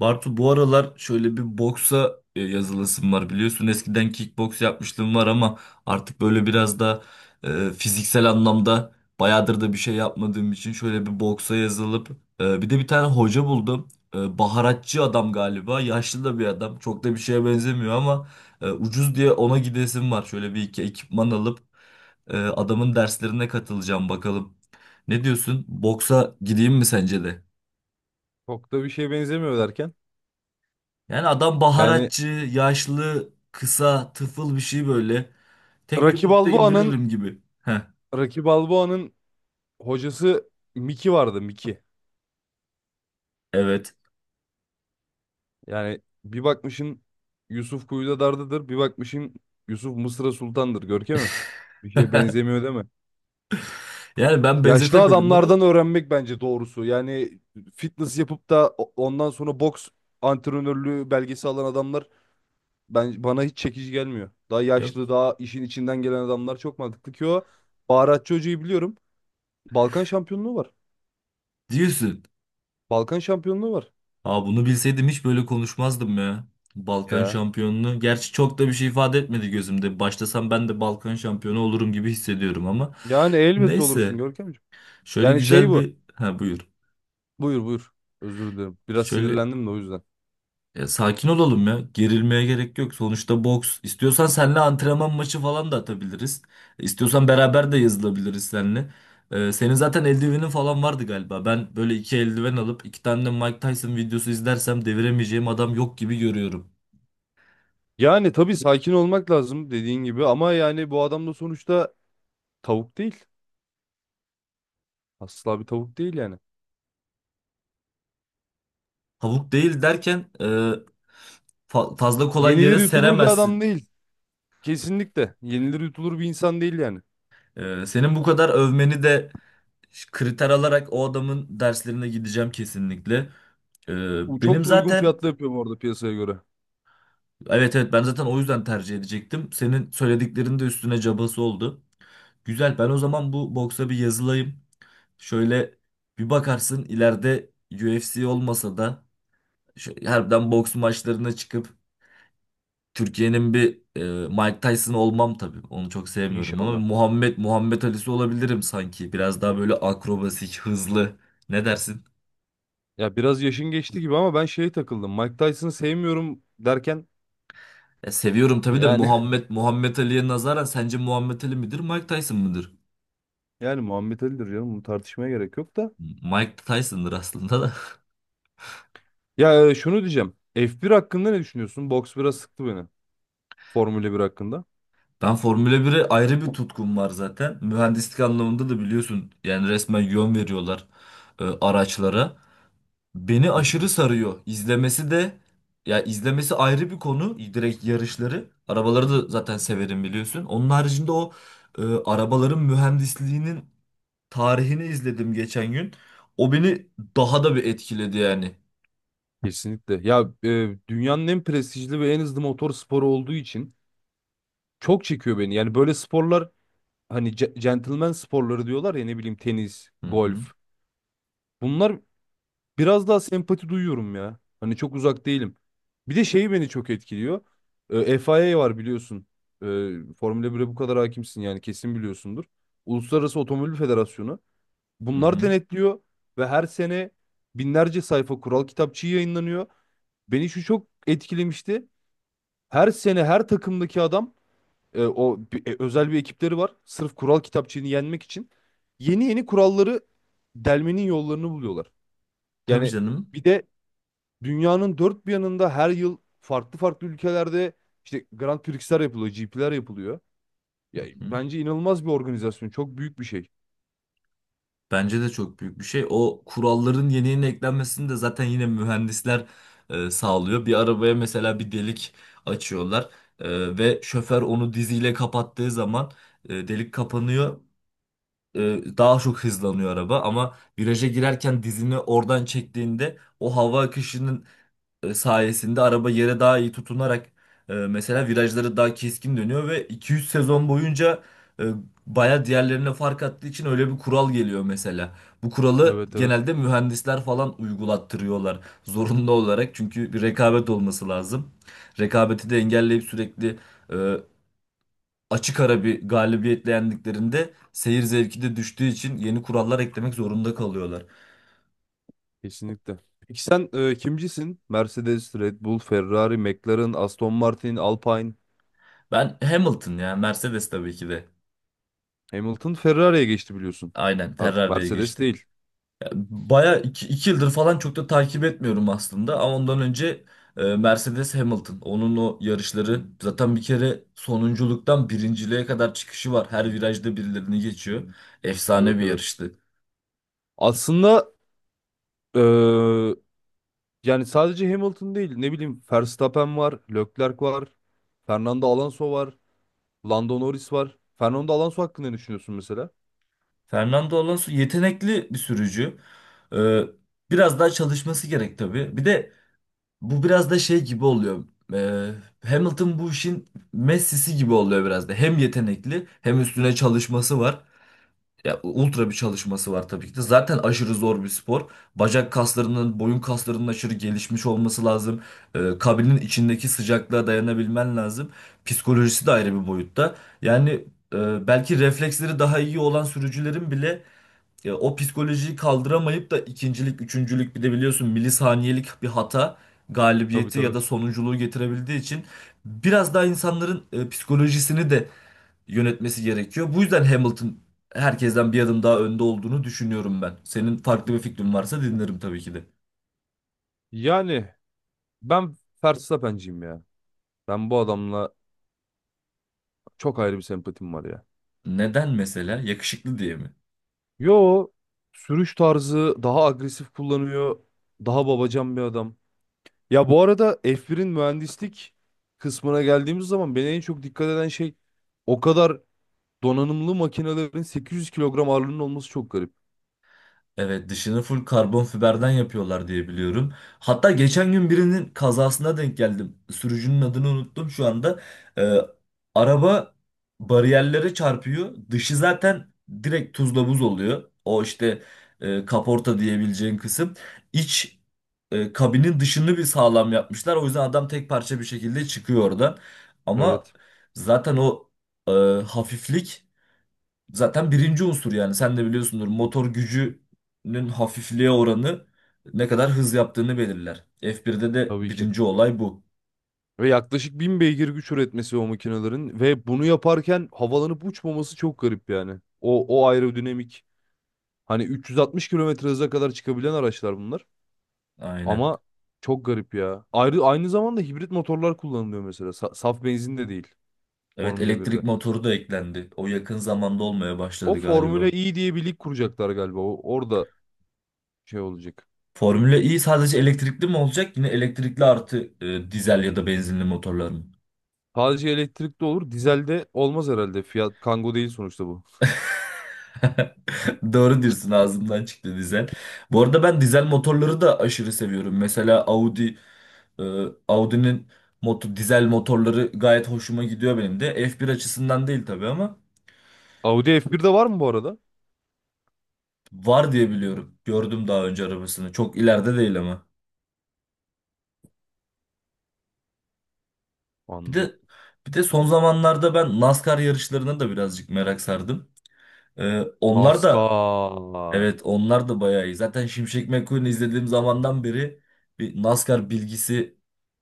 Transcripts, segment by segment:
Bartu, bu aralar şöyle bir boksa yazılasım var, biliyorsun eskiden kickboks yapmışlığım var, ama artık böyle biraz da fiziksel anlamda bayağıdır da bir şey yapmadığım için şöyle bir boksa yazılıp bir de bir tane hoca buldum. Baharatçı adam galiba, yaşlı da bir adam, çok da bir şeye benzemiyor ama ucuz diye ona gidesim var. Şöyle bir iki ekipman alıp adamın derslerine katılacağım bakalım. Ne diyorsun, boksa gideyim mi sence de? Çok da bir şeye benzemiyor derken. Yani adam Yani baharatçı, yaşlı, kısa, tıfıl bir şey böyle. Tek Rocky yumrukta Balboa'nın indiririm gibi. Heh, Rocky Balboa'nın hocası Mickey vardı. evet. Yani bir bakmışın Yusuf Kuyuda Dardı'dır. Bir bakmışın Yusuf Mısır'a Sultan'dır. Görkem'im. Bir şeye benzemiyor değil mi? Yani ben Yaşlı benzetemedim ama adamlardan öğrenmek bence doğrusu. Yani fitness yapıp da ondan sonra boks antrenörlüğü belgesi alan adamlar bana hiç çekici gelmiyor. Daha yok yaşlı, daha işin içinden gelen adamlar çok mantıklı ki o baharatçı hocayı biliyorum. Balkan şampiyonluğu var. diyorsun. Balkan şampiyonluğu var. Aa, bunu bilseydim hiç böyle konuşmazdım ya. Balkan Ya. şampiyonluğu. Gerçi çok da bir şey ifade etmedi gözümde. Başlasam ben de Balkan şampiyonu olurum gibi hissediyorum ama. Yani elbette olursun Neyse. Görkemciğim. Şöyle Yani şey güzel bu. bir... Ha, buyur. Buyur buyur. Özür dilerim. Biraz Şöyle sinirlendim de o yüzden. Ya sakin olalım ya. Gerilmeye gerek yok. Sonuçta boks. İstiyorsan seninle antrenman maçı falan da atabiliriz. İstiyorsan beraber de yazılabiliriz seninle. Senin zaten eldivenin falan vardı galiba. Ben böyle iki eldiven alıp iki tane de Mike Tyson videosu izlersem deviremeyeceğim adam yok gibi görüyorum. Yani tabii sakin olmak lazım dediğin gibi ama yani bu adam da sonuçta tavuk değil. Asla bir tavuk değil yani. Tavuk değil derken fazla kolay Yenilir yere yutulur bir adam seremezsin. değil. Kesinlikle. Yenilir yutulur bir insan değil yani. Senin bu kadar övmeni de kriter alarak o adamın derslerine gideceğim kesinlikle. E, Bu çok benim da uygun zaten fiyatlı yapıyor bu arada piyasaya göre. Evet, evet, ben zaten o yüzden tercih edecektim. Senin söylediklerin de üstüne cabası oldu. Güzel. Ben o zaman bu boksa bir yazılayım. Şöyle bir bakarsın, ileride UFC olmasa da harbiden boks maçlarına çıkıp Türkiye'nin bir Mike Tyson olmam tabii. Onu çok sevmiyorum ama İnşallah. Muhammed Ali'si olabilirim sanki. Biraz daha böyle akrobasik, hızlı. Ne dersin? Ya biraz yaşın geçti gibi ama ben şeye takıldım. Mike Tyson'ı sevmiyorum derken Ya seviyorum tabii de, yani Muhammed Ali'ye nazaran sence Muhammed Ali midir, Mike Tyson mıdır? yani Muhammed Ali'dir canım. Bunu tartışmaya gerek yok da. Mike Tyson'dır aslında. Ya şunu diyeceğim. F1 hakkında ne düşünüyorsun? Box biraz sıktı beni. Formula 1 hakkında. Ben Formula 1'e ayrı bir tutkum var zaten. Mühendislik anlamında da biliyorsun, yani resmen yön veriyorlar araçlara. Beni Hı aşırı hı. sarıyor. İzlemesi de, ya izlemesi ayrı bir konu. Direkt yarışları. Arabaları da zaten severim, biliyorsun. Onun haricinde o arabaların mühendisliğinin tarihini izledim geçen gün. O beni daha da bir etkiledi yani. Kesinlikle. Ya dünyanın en prestijli ve en hızlı motor sporu olduğu için çok çekiyor beni. Yani böyle sporlar hani gentleman sporları diyorlar ya ne bileyim tenis, Hı hı, golf. Bunlar biraz daha sempati duyuyorum ya. Hani çok uzak değilim. Bir de şeyi beni çok etkiliyor. FIA var biliyorsun. E, Formula 1'e bu kadar hakimsin yani kesin biliyorsundur. Uluslararası Otomobil Federasyonu. hı Bunlar hı. denetliyor ve her sene binlerce sayfa kural kitapçığı yayınlanıyor. Beni şu çok etkilemişti. Her sene her takımdaki adam özel bir ekipleri var. Sırf kural kitapçığını yenmek için yeni yeni kuralları delmenin yollarını buluyorlar. Tabii Yani canım. bir de dünyanın dört bir yanında her yıl farklı farklı ülkelerde işte Grand Prix'ler yapılıyor, GP'ler yapılıyor. Ya, Hı. bence inanılmaz bir organizasyon. Çok büyük bir şey. Bence de çok büyük bir şey. O kuralların yeni yeni eklenmesini de zaten yine mühendisler sağlıyor. Bir arabaya mesela bir delik açıyorlar ve şoför onu diziyle kapattığı zaman delik kapanıyor. E, Daha çok hızlanıyor araba, ama viraja girerken dizini oradan çektiğinde o hava akışının sayesinde araba yere daha iyi tutunarak mesela virajları daha keskin dönüyor ve 200 sezon boyunca e, baya diğerlerine fark attığı için öyle bir kural geliyor mesela. Bu kuralı Evet, evet. genelde mühendisler falan uygulattırıyorlar zorunlu olarak, çünkü bir rekabet olması lazım. Rekabeti de engelleyip sürekli e, açık ara bir galibiyetle yendiklerinde seyir zevki de düştüğü için yeni kurallar eklemek zorunda kalıyorlar. Kesinlikle. Peki sen kimcisin? Mercedes, Red Bull, Ferrari, McLaren, Aston Martin, Alpine. Ben Hamilton ya, Mercedes tabii ki de. Hamilton Ferrari'ye geçti biliyorsun. Aynen, Artık Ferrari'ye Mercedes geçti. değil. Baya iki yıldır falan çok da takip etmiyorum aslında, ama ondan önce Mercedes Hamilton, onun o yarışları zaten, bir kere sonunculuktan birinciliğe kadar çıkışı var, her virajda birilerini geçiyor, efsane Evet, bir evet. yarıştı. Aslında eee, yani sadece Hamilton değil ne bileyim Verstappen var, Leclerc var, Fernando Alonso var. Lando Norris var. Fernando Alonso hakkında ne düşünüyorsun mesela? Fernando Alonso yetenekli bir sürücü. E, Biraz daha çalışması gerek tabii. Bir de bu biraz da şey gibi oluyor. E, Hamilton bu işin Messi'si gibi oluyor biraz da, hem yetenekli hem üstüne çalışması var. Ya ultra bir çalışması var tabii ki de. Zaten aşırı zor bir spor. Bacak kaslarının, boyun kaslarının aşırı gelişmiş olması lazım. Kabinin içindeki sıcaklığa dayanabilmen lazım. Psikolojisi de ayrı bir boyutta. Yani belki refleksleri daha iyi olan sürücülerin bile o psikolojiyi kaldıramayıp da ikincilik, üçüncülük, bir de biliyorsun milisaniyelik bir hata Tabii, galibiyeti ya tabii. da sonunculuğu getirebildiği için biraz daha insanların psikolojisini de yönetmesi gerekiyor. Bu yüzden Hamilton herkesten bir adım daha önde olduğunu düşünüyorum ben. Senin farklı bir fikrin varsa dinlerim tabii ki de. Yani ben Verstappen'ciyim ya. Ben bu adamla çok ayrı bir sempatim var ya. Neden mesela? Yakışıklı diye mi? Yo, sürüş tarzı daha agresif kullanıyor. Daha babacan bir adam. Ya bu arada F1'in mühendislik kısmına geldiğimiz zaman beni en çok dikkat eden şey o kadar donanımlı makinelerin 800 kilogram ağırlığının olması çok garip. Evet, dışını full karbon fiberden yapıyorlar diye biliyorum. Hatta geçen gün birinin kazasına denk geldim. Sürücünün adını unuttum şu anda. Ee, Araba bariyerlere çarpıyor. Dışı zaten direkt tuzla buz oluyor. O işte kaporta diyebileceğin kısım. İç kabinin dışını bir sağlam yapmışlar. O yüzden adam tek parça bir şekilde çıkıyor oradan. Ama Evet, zaten o e, hafiflik zaten birinci unsur, yani sen de biliyorsundur, motor gücünün hafifliğe oranı ne kadar hız yaptığını belirler. F1'de de tabii ki. birinci olay bu. Ve yaklaşık 1000 beygir güç üretmesi o makinelerin ve bunu yaparken havalanıp uçmaması çok garip yani. O aerodinamik hani 360 kilometre hıza kadar çıkabilen araçlar bunlar Aynen. ama çok garip ya. Aynı zamanda hibrit motorlar kullanılıyor mesela saf benzin de değil Evet, Formula 1'de. elektrik motoru da eklendi. O yakın zamanda olmaya O başladı galiba. Formula E diye bir lig kuracaklar galiba, orada şey olacak. Formula E sadece elektrikli mi olacak? Yine elektrikli artı dizel ya da benzinli motorlar mı? Sadece elektrikli olur dizelde olmaz herhalde Fiat Kangoo değil sonuçta bu. Doğru diyorsun, ağzımdan çıktı dizel. Bu arada ben dizel motorları da aşırı seviyorum. Mesela Audi. Audi'nin dizel motorları gayet hoşuma gidiyor benim de. F1 açısından değil tabii ama. Audi F1'de var mı bu arada? Var diye biliyorum. Gördüm daha önce arabasını. Çok ileride değil ama. Bir Anladım. de bir de son zamanlarda ben NASCAR yarışlarına da birazcık merak sardım. Onlar da, NASCAR. evet, onlar da bayağı iyi. Zaten Şimşek McQueen'i izlediğim zamandan beri bir NASCAR bilgisi,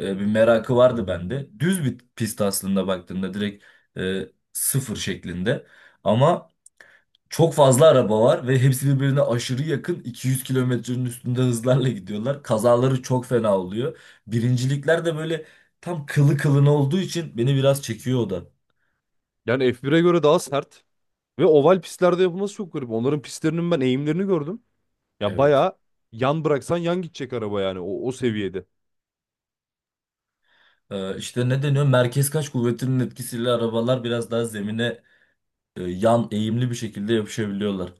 bir merakı vardı bende. Düz bir pist aslında baktığımda, direkt sıfır şeklinde. Ama çok fazla araba var ve hepsi birbirine aşırı yakın, 200 kilometrenin üstünde hızlarla gidiyorlar. Kazaları çok fena oluyor. Birincilikler de böyle tam kılı kılına olduğu için beni biraz çekiyor o da. Yani F1'e göre daha sert ve oval pistlerde yapılması çok garip. Onların pistlerinin ben eğimlerini gördüm. Ya Evet. bayağı yan bıraksan yan gidecek araba yani o seviyede. İşte ne deniyor, merkez kaç kuvvetinin etkisiyle arabalar biraz daha zemine yan eğimli bir şekilde yapışabiliyorlar.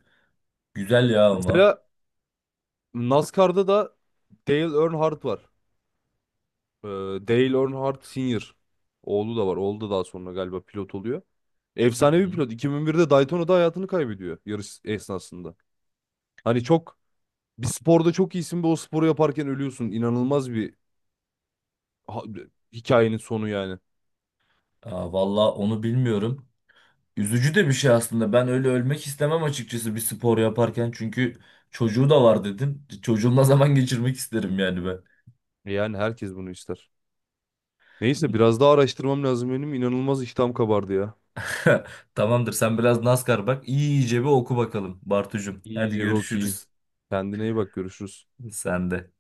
Güzel ya ama. Mesela NASCAR'da da Dale Earnhardt var. Ee, Dale Earnhardt Senior. Oğlu da var. Oğlu da daha sonra galiba pilot oluyor. Hı Efsanevi hı. pilot. 2001'de Daytona'da hayatını kaybediyor yarış esnasında. Hani çok bir sporda çok iyisin ve o sporu yaparken ölüyorsun. İnanılmaz bir ha- hikayenin sonu yani. Aa, valla onu bilmiyorum. Üzücü de bir şey aslında. Ben öyle ölmek istemem açıkçası, bir spor yaparken. Çünkü çocuğu da var dedin. Çocuğumla zaman geçirmek isterim yani ben. Yani herkes bunu ister. Neyse biraz daha araştırmam lazım benim. İnanılmaz iştahım kabardı ya. Tamamdır, sen biraz NASCAR bak. İyice bir oku bakalım Bartucuğum. Hadi İyice bir okuyayım. görüşürüz. Kendine iyi bak, görüşürüz. Sen de.